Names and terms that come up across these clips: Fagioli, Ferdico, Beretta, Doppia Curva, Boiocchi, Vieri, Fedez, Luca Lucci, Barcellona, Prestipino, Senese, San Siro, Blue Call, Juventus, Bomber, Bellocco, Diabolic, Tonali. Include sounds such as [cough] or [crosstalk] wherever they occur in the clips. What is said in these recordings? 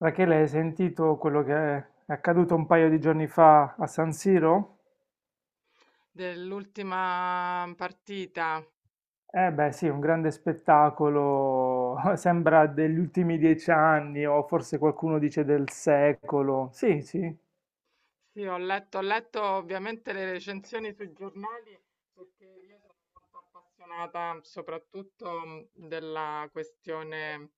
Rachele, hai sentito quello che è accaduto un paio di giorni fa a San Siro? Dell'ultima partita. Eh beh, sì, un grande spettacolo, [laughs] sembra degli ultimi dieci anni o forse qualcuno dice del secolo. Sì, sì, Sì, ho letto ovviamente le recensioni sui giornali perché io sono molto appassionata soprattutto della questione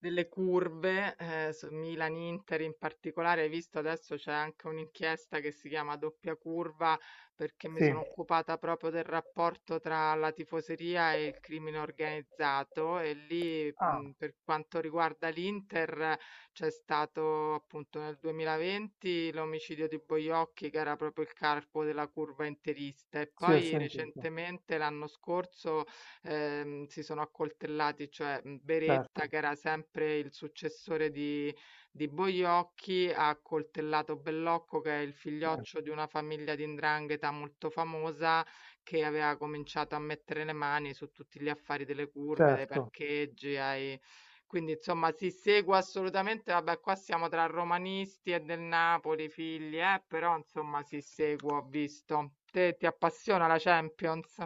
delle curve, su Milan-Inter in particolare. Hai visto adesso c'è anche un'inchiesta che si chiama Doppia Curva perché mi sì. sono occupata proprio del rapporto tra la tifoseria e il crimine organizzato e lì Ah, per quanto riguarda l'Inter. C'è stato appunto nel 2020 l'omicidio di Boiocchi, che era proprio il carpo della curva interista, e sì, ho poi sentito, recentemente l'anno scorso si sono accoltellati, cioè Beretta, certo, che era sempre il successore di Boiocchi, ha accoltellato Bellocco, che è il sì, figlioccio di una famiglia di 'ndrangheta molto famosa che aveva cominciato a mettere le mani su tutti gli affari delle curve, dai certo. parcheggi ai, quindi insomma si segue assolutamente, vabbè qua siamo tra romanisti e del Napoli, figli, però insomma si segue, ho visto. Te ti appassiona la Champions?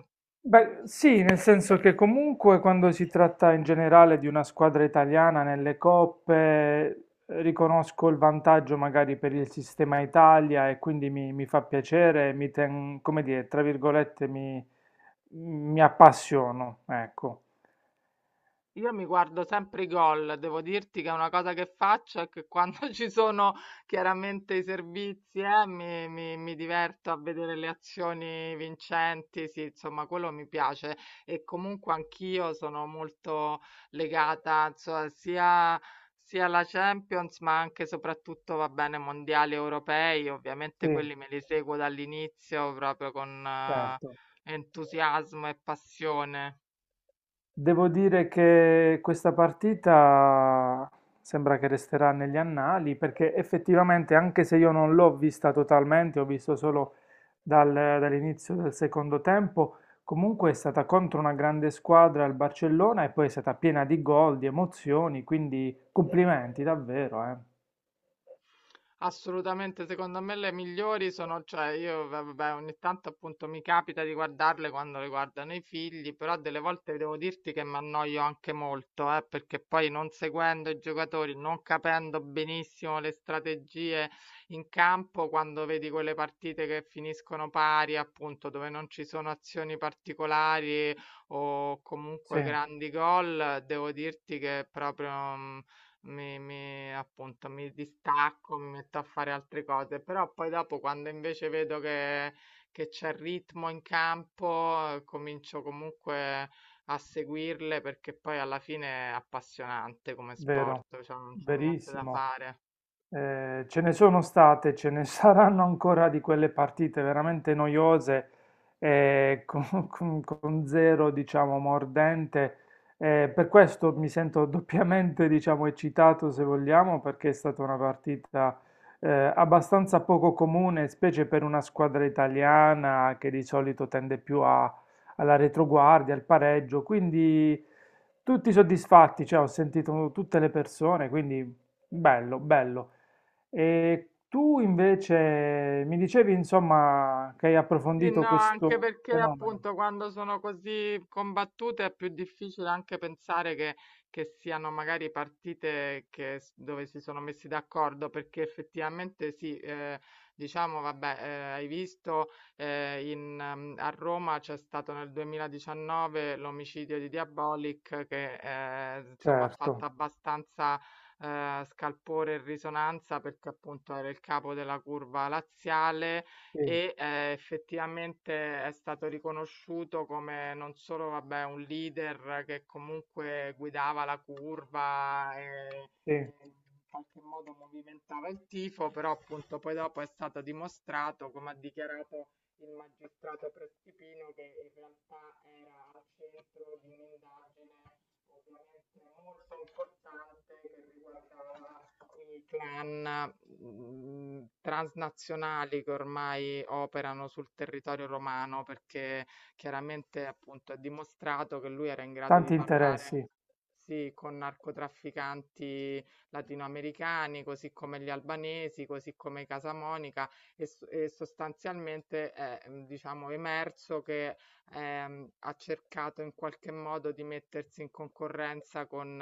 Beh, sì, nel senso che comunque quando si tratta in generale di una squadra italiana nelle coppe, riconosco il vantaggio magari per il sistema Italia e quindi mi fa piacere, come dire, tra virgolette, mi appassiono, ecco. Io mi guardo sempre i gol, devo dirti che è una cosa che faccio è che quando [laughs] ci sono chiaramente i servizi, mi diverto a vedere le azioni vincenti, sì, insomma, quello mi piace e comunque anch'io sono molto legata, insomma, sia alla Champions, ma anche e soprattutto, va bene, mondiali europei, Sì, ovviamente quelli me li seguo dall'inizio proprio con certo. entusiasmo e passione. Devo dire che questa partita sembra che resterà negli annali perché effettivamente, anche se io non l'ho vista totalmente, ho visto solo dall'inizio del secondo tempo, comunque è stata contro una grande squadra il Barcellona e poi è stata piena di gol, di emozioni, quindi complimenti davvero, eh. Assolutamente, secondo me le migliori sono, cioè io vabbè, ogni tanto appunto mi capita di guardarle quando le guardano i figli, però delle volte devo dirti che mi annoio anche molto, perché poi non seguendo i giocatori, non capendo benissimo le strategie in campo, quando vedi quelle partite che finiscono pari, appunto, dove non ci sono azioni particolari o Sì, comunque grandi gol, devo dirti che proprio... mm, mi mi appunto, mi distacco, mi metto a fare altre cose, però poi dopo quando invece vedo che c'è ritmo in campo, comincio comunque a seguirle perché poi alla fine è appassionante come vero, sport, cioè non c'è niente da verissimo. fare. Ce ne sono state, ce ne [laughs] saranno ancora di quelle partite veramente noiose, [laughs] con, con zero, diciamo, mordente. Per questo mi sento [laughs] doppiamente, diciamo, eccitato, se vogliamo, perché è stata una partita, abbastanza poco comune, specie per una squadra italiana che di solito tende più alla retroguardia, al pareggio. Quindi tutti soddisfatti, cioè, ho sentito tutte le persone, quindi bello, bello. E tu invece mi dicevi, insomma, che hai Sì, no, approfondito anche questo perché fenomeno. appunto quando sono così combattute è più difficile anche pensare che siano magari partite dove si sono messi d'accordo, perché effettivamente sì, diciamo, vabbè, hai visto a Roma c'è stato nel 2019 l'omicidio di Diabolic che insomma ha fatto Certo, abbastanza scalpore e risonanza perché appunto era il capo della curva laziale sì, e, effettivamente è stato riconosciuto come non solo, vabbè, un leader che comunque guidava la curva sì. e in qualche modo movimentava il tifo, però appunto poi dopo è stato dimostrato, come ha dichiarato il magistrato Prestipino, che in realtà era al centro di un'indagine ovviamente molto importante che riguardava i clan transnazionali che ormai operano sul territorio romano, perché chiaramente appunto è dimostrato che lui era in grado di Tanti parlare. interessi. Sì, con narcotrafficanti latinoamericani, così come gli albanesi, così come Casa Monica, e sostanzialmente è, diciamo, emerso che ha cercato in qualche modo di mettersi in concorrenza con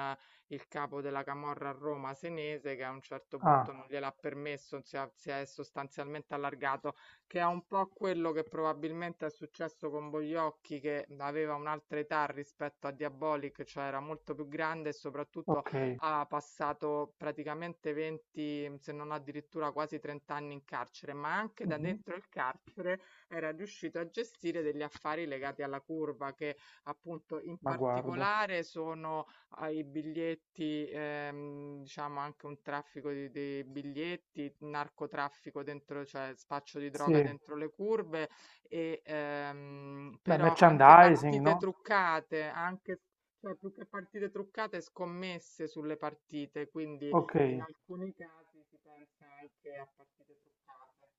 il capo della camorra a Roma, Senese, che a un certo Ah, punto non gliel'ha permesso, si è sostanzialmente allargato, che è un po' quello che probabilmente è successo con Bogliocchi, che aveva un'altra età rispetto a Diabolic, cioè era molto più grande e soprattutto ok. ha passato praticamente 20, se non addirittura quasi 30 anni in carcere, ma anche da Mhm. dentro il carcere era riuscito a gestire degli affari legati alla curva, che appunto in Ma guarda. particolare sono ai biglietti, diciamo anche un traffico di biglietti, narcotraffico dentro, cioè spaccio di Sì, droga dentro le curve, beh, però anche merchandising, partite no? truccate, anche, cioè più che partite truccate, scommesse sulle partite, quindi Ok, in alcuni casi si pensa anche a partite truccate.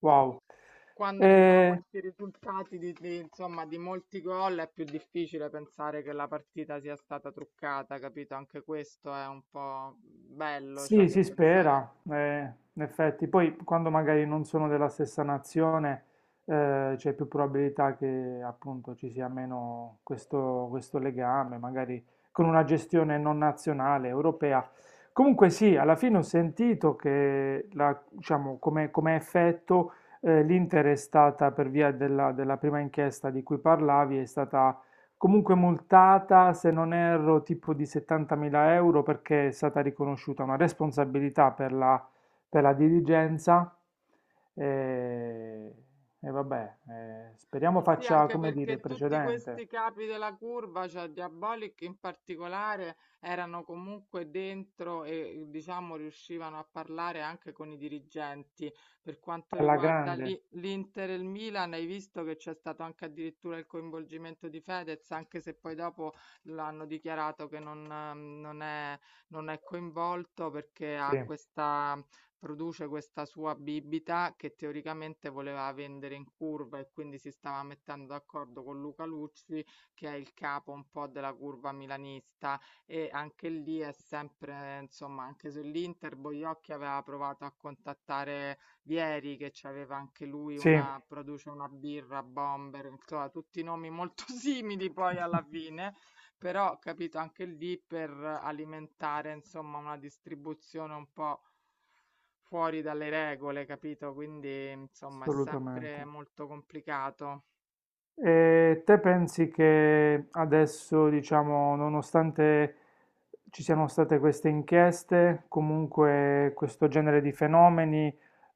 wow. Quando ci sono Eh, questi risultati insomma, di molti gol è più difficile pensare che la partita sia stata truccata, capito? Anche questo è un po' bello, cioè sì, che si pensare... spera, in effetti. Poi quando magari non sono della stessa nazione, c'è più probabilità che appunto ci sia meno questo, questo legame, magari con una gestione non nazionale, europea. Comunque sì, alla fine ho sentito che diciamo, come, come effetto, l'Inter è stata, per via della, della prima inchiesta di cui parlavi, è stata comunque multata, se non erro, tipo di 70.000 euro perché è stata riconosciuta una responsabilità per la dirigenza. E, e vabbè, speriamo Eh sì, faccia, anche come dire, perché tutti precedente. questi capi della curva, cioè Diabolic in particolare, erano comunque dentro e diciamo riuscivano a parlare anche con i dirigenti. Per quanto Alla riguarda grande, l'Inter e il Milan, hai visto che c'è stato anche addirittura il coinvolgimento di Fedez, anche se poi dopo l'hanno dichiarato che non, non è, non è coinvolto perché ha sì, questa produce questa sua bibita che teoricamente voleva vendere in curva e quindi si stava mettendo d'accordo con Luca Lucci, che è il capo un po' della curva milanista. E anche lì è sempre, insomma, anche sull'Inter, Boiocchi aveva provato a contattare Vieri, che aveva anche lui sì, una, produce una birra, Bomber, insomma, tutti nomi molto [laughs] simili poi alla [laughs] fine però capito anche lì per alimentare insomma una distribuzione un po' fuori dalle regole, capito? Quindi, insomma, è assolutamente. sempre molto complicato. E te pensi che adesso, diciamo, nonostante ci siano state queste inchieste, comunque questo genere di fenomeni,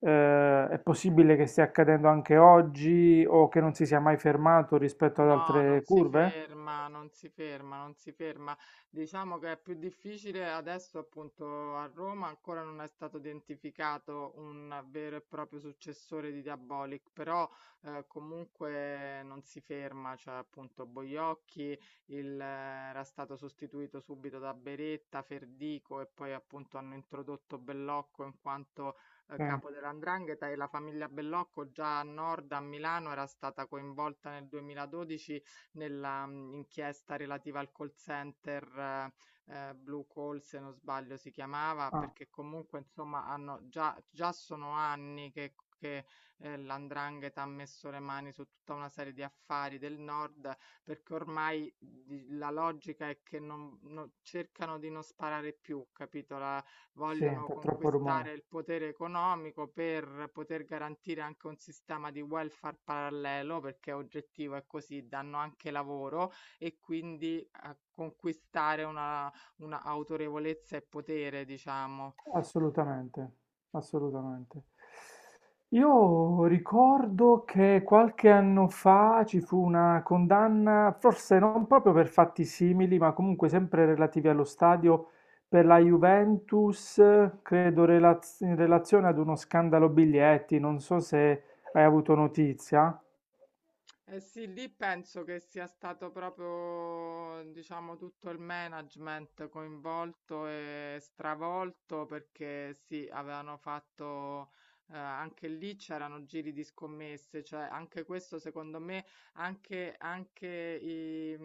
è possibile che stia accadendo anche oggi o che non si sia mai fermato rispetto ad No, non altre si curve? ferma, non si ferma, non si ferma. Diciamo che è più difficile adesso, appunto, a Roma ancora non è stato identificato un vero e proprio successore di Diabolic, però comunque non si ferma, cioè appunto Boiocchi il, eh, era stato sostituito subito da Beretta, Ferdico e poi appunto hanno introdotto Bellocco in quanto Sì. capo dell''ndrangheta e la famiglia Bellocco già a nord a Milano era stata coinvolta nel 2012 nella inchiesta relativa al call center Blue Call, se non sbaglio si chiamava, Ah, perché comunque insomma hanno già, già sono anni che l'andrangheta ha messo le mani su tutta una serie di affari del nord, perché ormai la logica è che non, non- cercano di non sparare più, capito? La, sì, vogliono fa troppo conquistare rumore. il potere economico per poter garantire anche un sistema di welfare parallelo, perché oggettivo è così, danno anche lavoro e quindi conquistare una autorevolezza e potere, diciamo. Assolutamente, assolutamente. Io ricordo che qualche anno fa ci fu una condanna, forse non proprio per fatti simili, ma comunque sempre relativi allo stadio per la Juventus, credo in relazione ad uno scandalo biglietti, non so se hai avuto notizia. Eh sì, lì penso che sia stato proprio, diciamo, tutto il management coinvolto e stravolto perché sì, avevano fatto, anche lì c'erano giri di scommesse, cioè anche questo secondo me, anche i,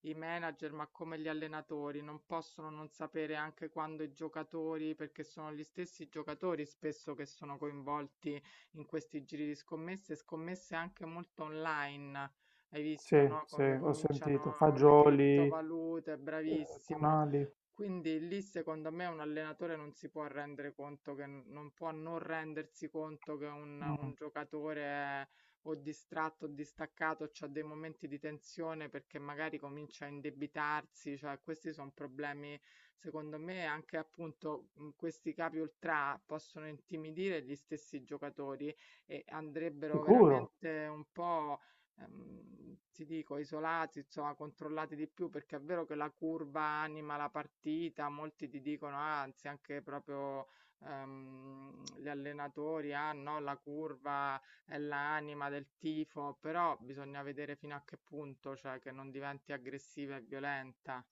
i manager, ma come gli allenatori, non possono non sapere anche quando i giocatori, perché sono gli stessi giocatori spesso che sono coinvolti in questi giri di scommesse, scommesse anche molto online. Hai visto, Sì, no? sì, Come ho sentito. cominciano con le Fagioli, criptovalute, bravissimo. Tonali. Quindi lì secondo me un allenatore non si può rendere conto che non può non rendersi conto che Mm, un giocatore è o distratto o distaccato, c'ha dei momenti di tensione perché magari comincia a indebitarsi, cioè questi sono problemi. Secondo me anche appunto, questi capi ultrà possono intimidire gli stessi giocatori e andrebbero sicuro. veramente un po', ti dico isolati, insomma controllati di più, perché è vero che la curva anima la partita, molti ti dicono, ah, anzi anche proprio, gli allenatori: "Ah no, la curva è l'anima del tifo", però bisogna vedere fino a che punto, cioè che non diventi aggressiva e violenta.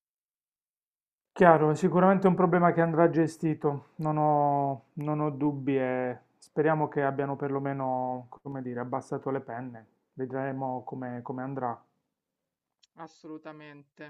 Chiaro, è sicuramente un problema che andrà gestito, non ho, non ho dubbi e speriamo che abbiamo perlomeno, come dire, abbassato le penne. Vedremo come come andrà. Assolutamente.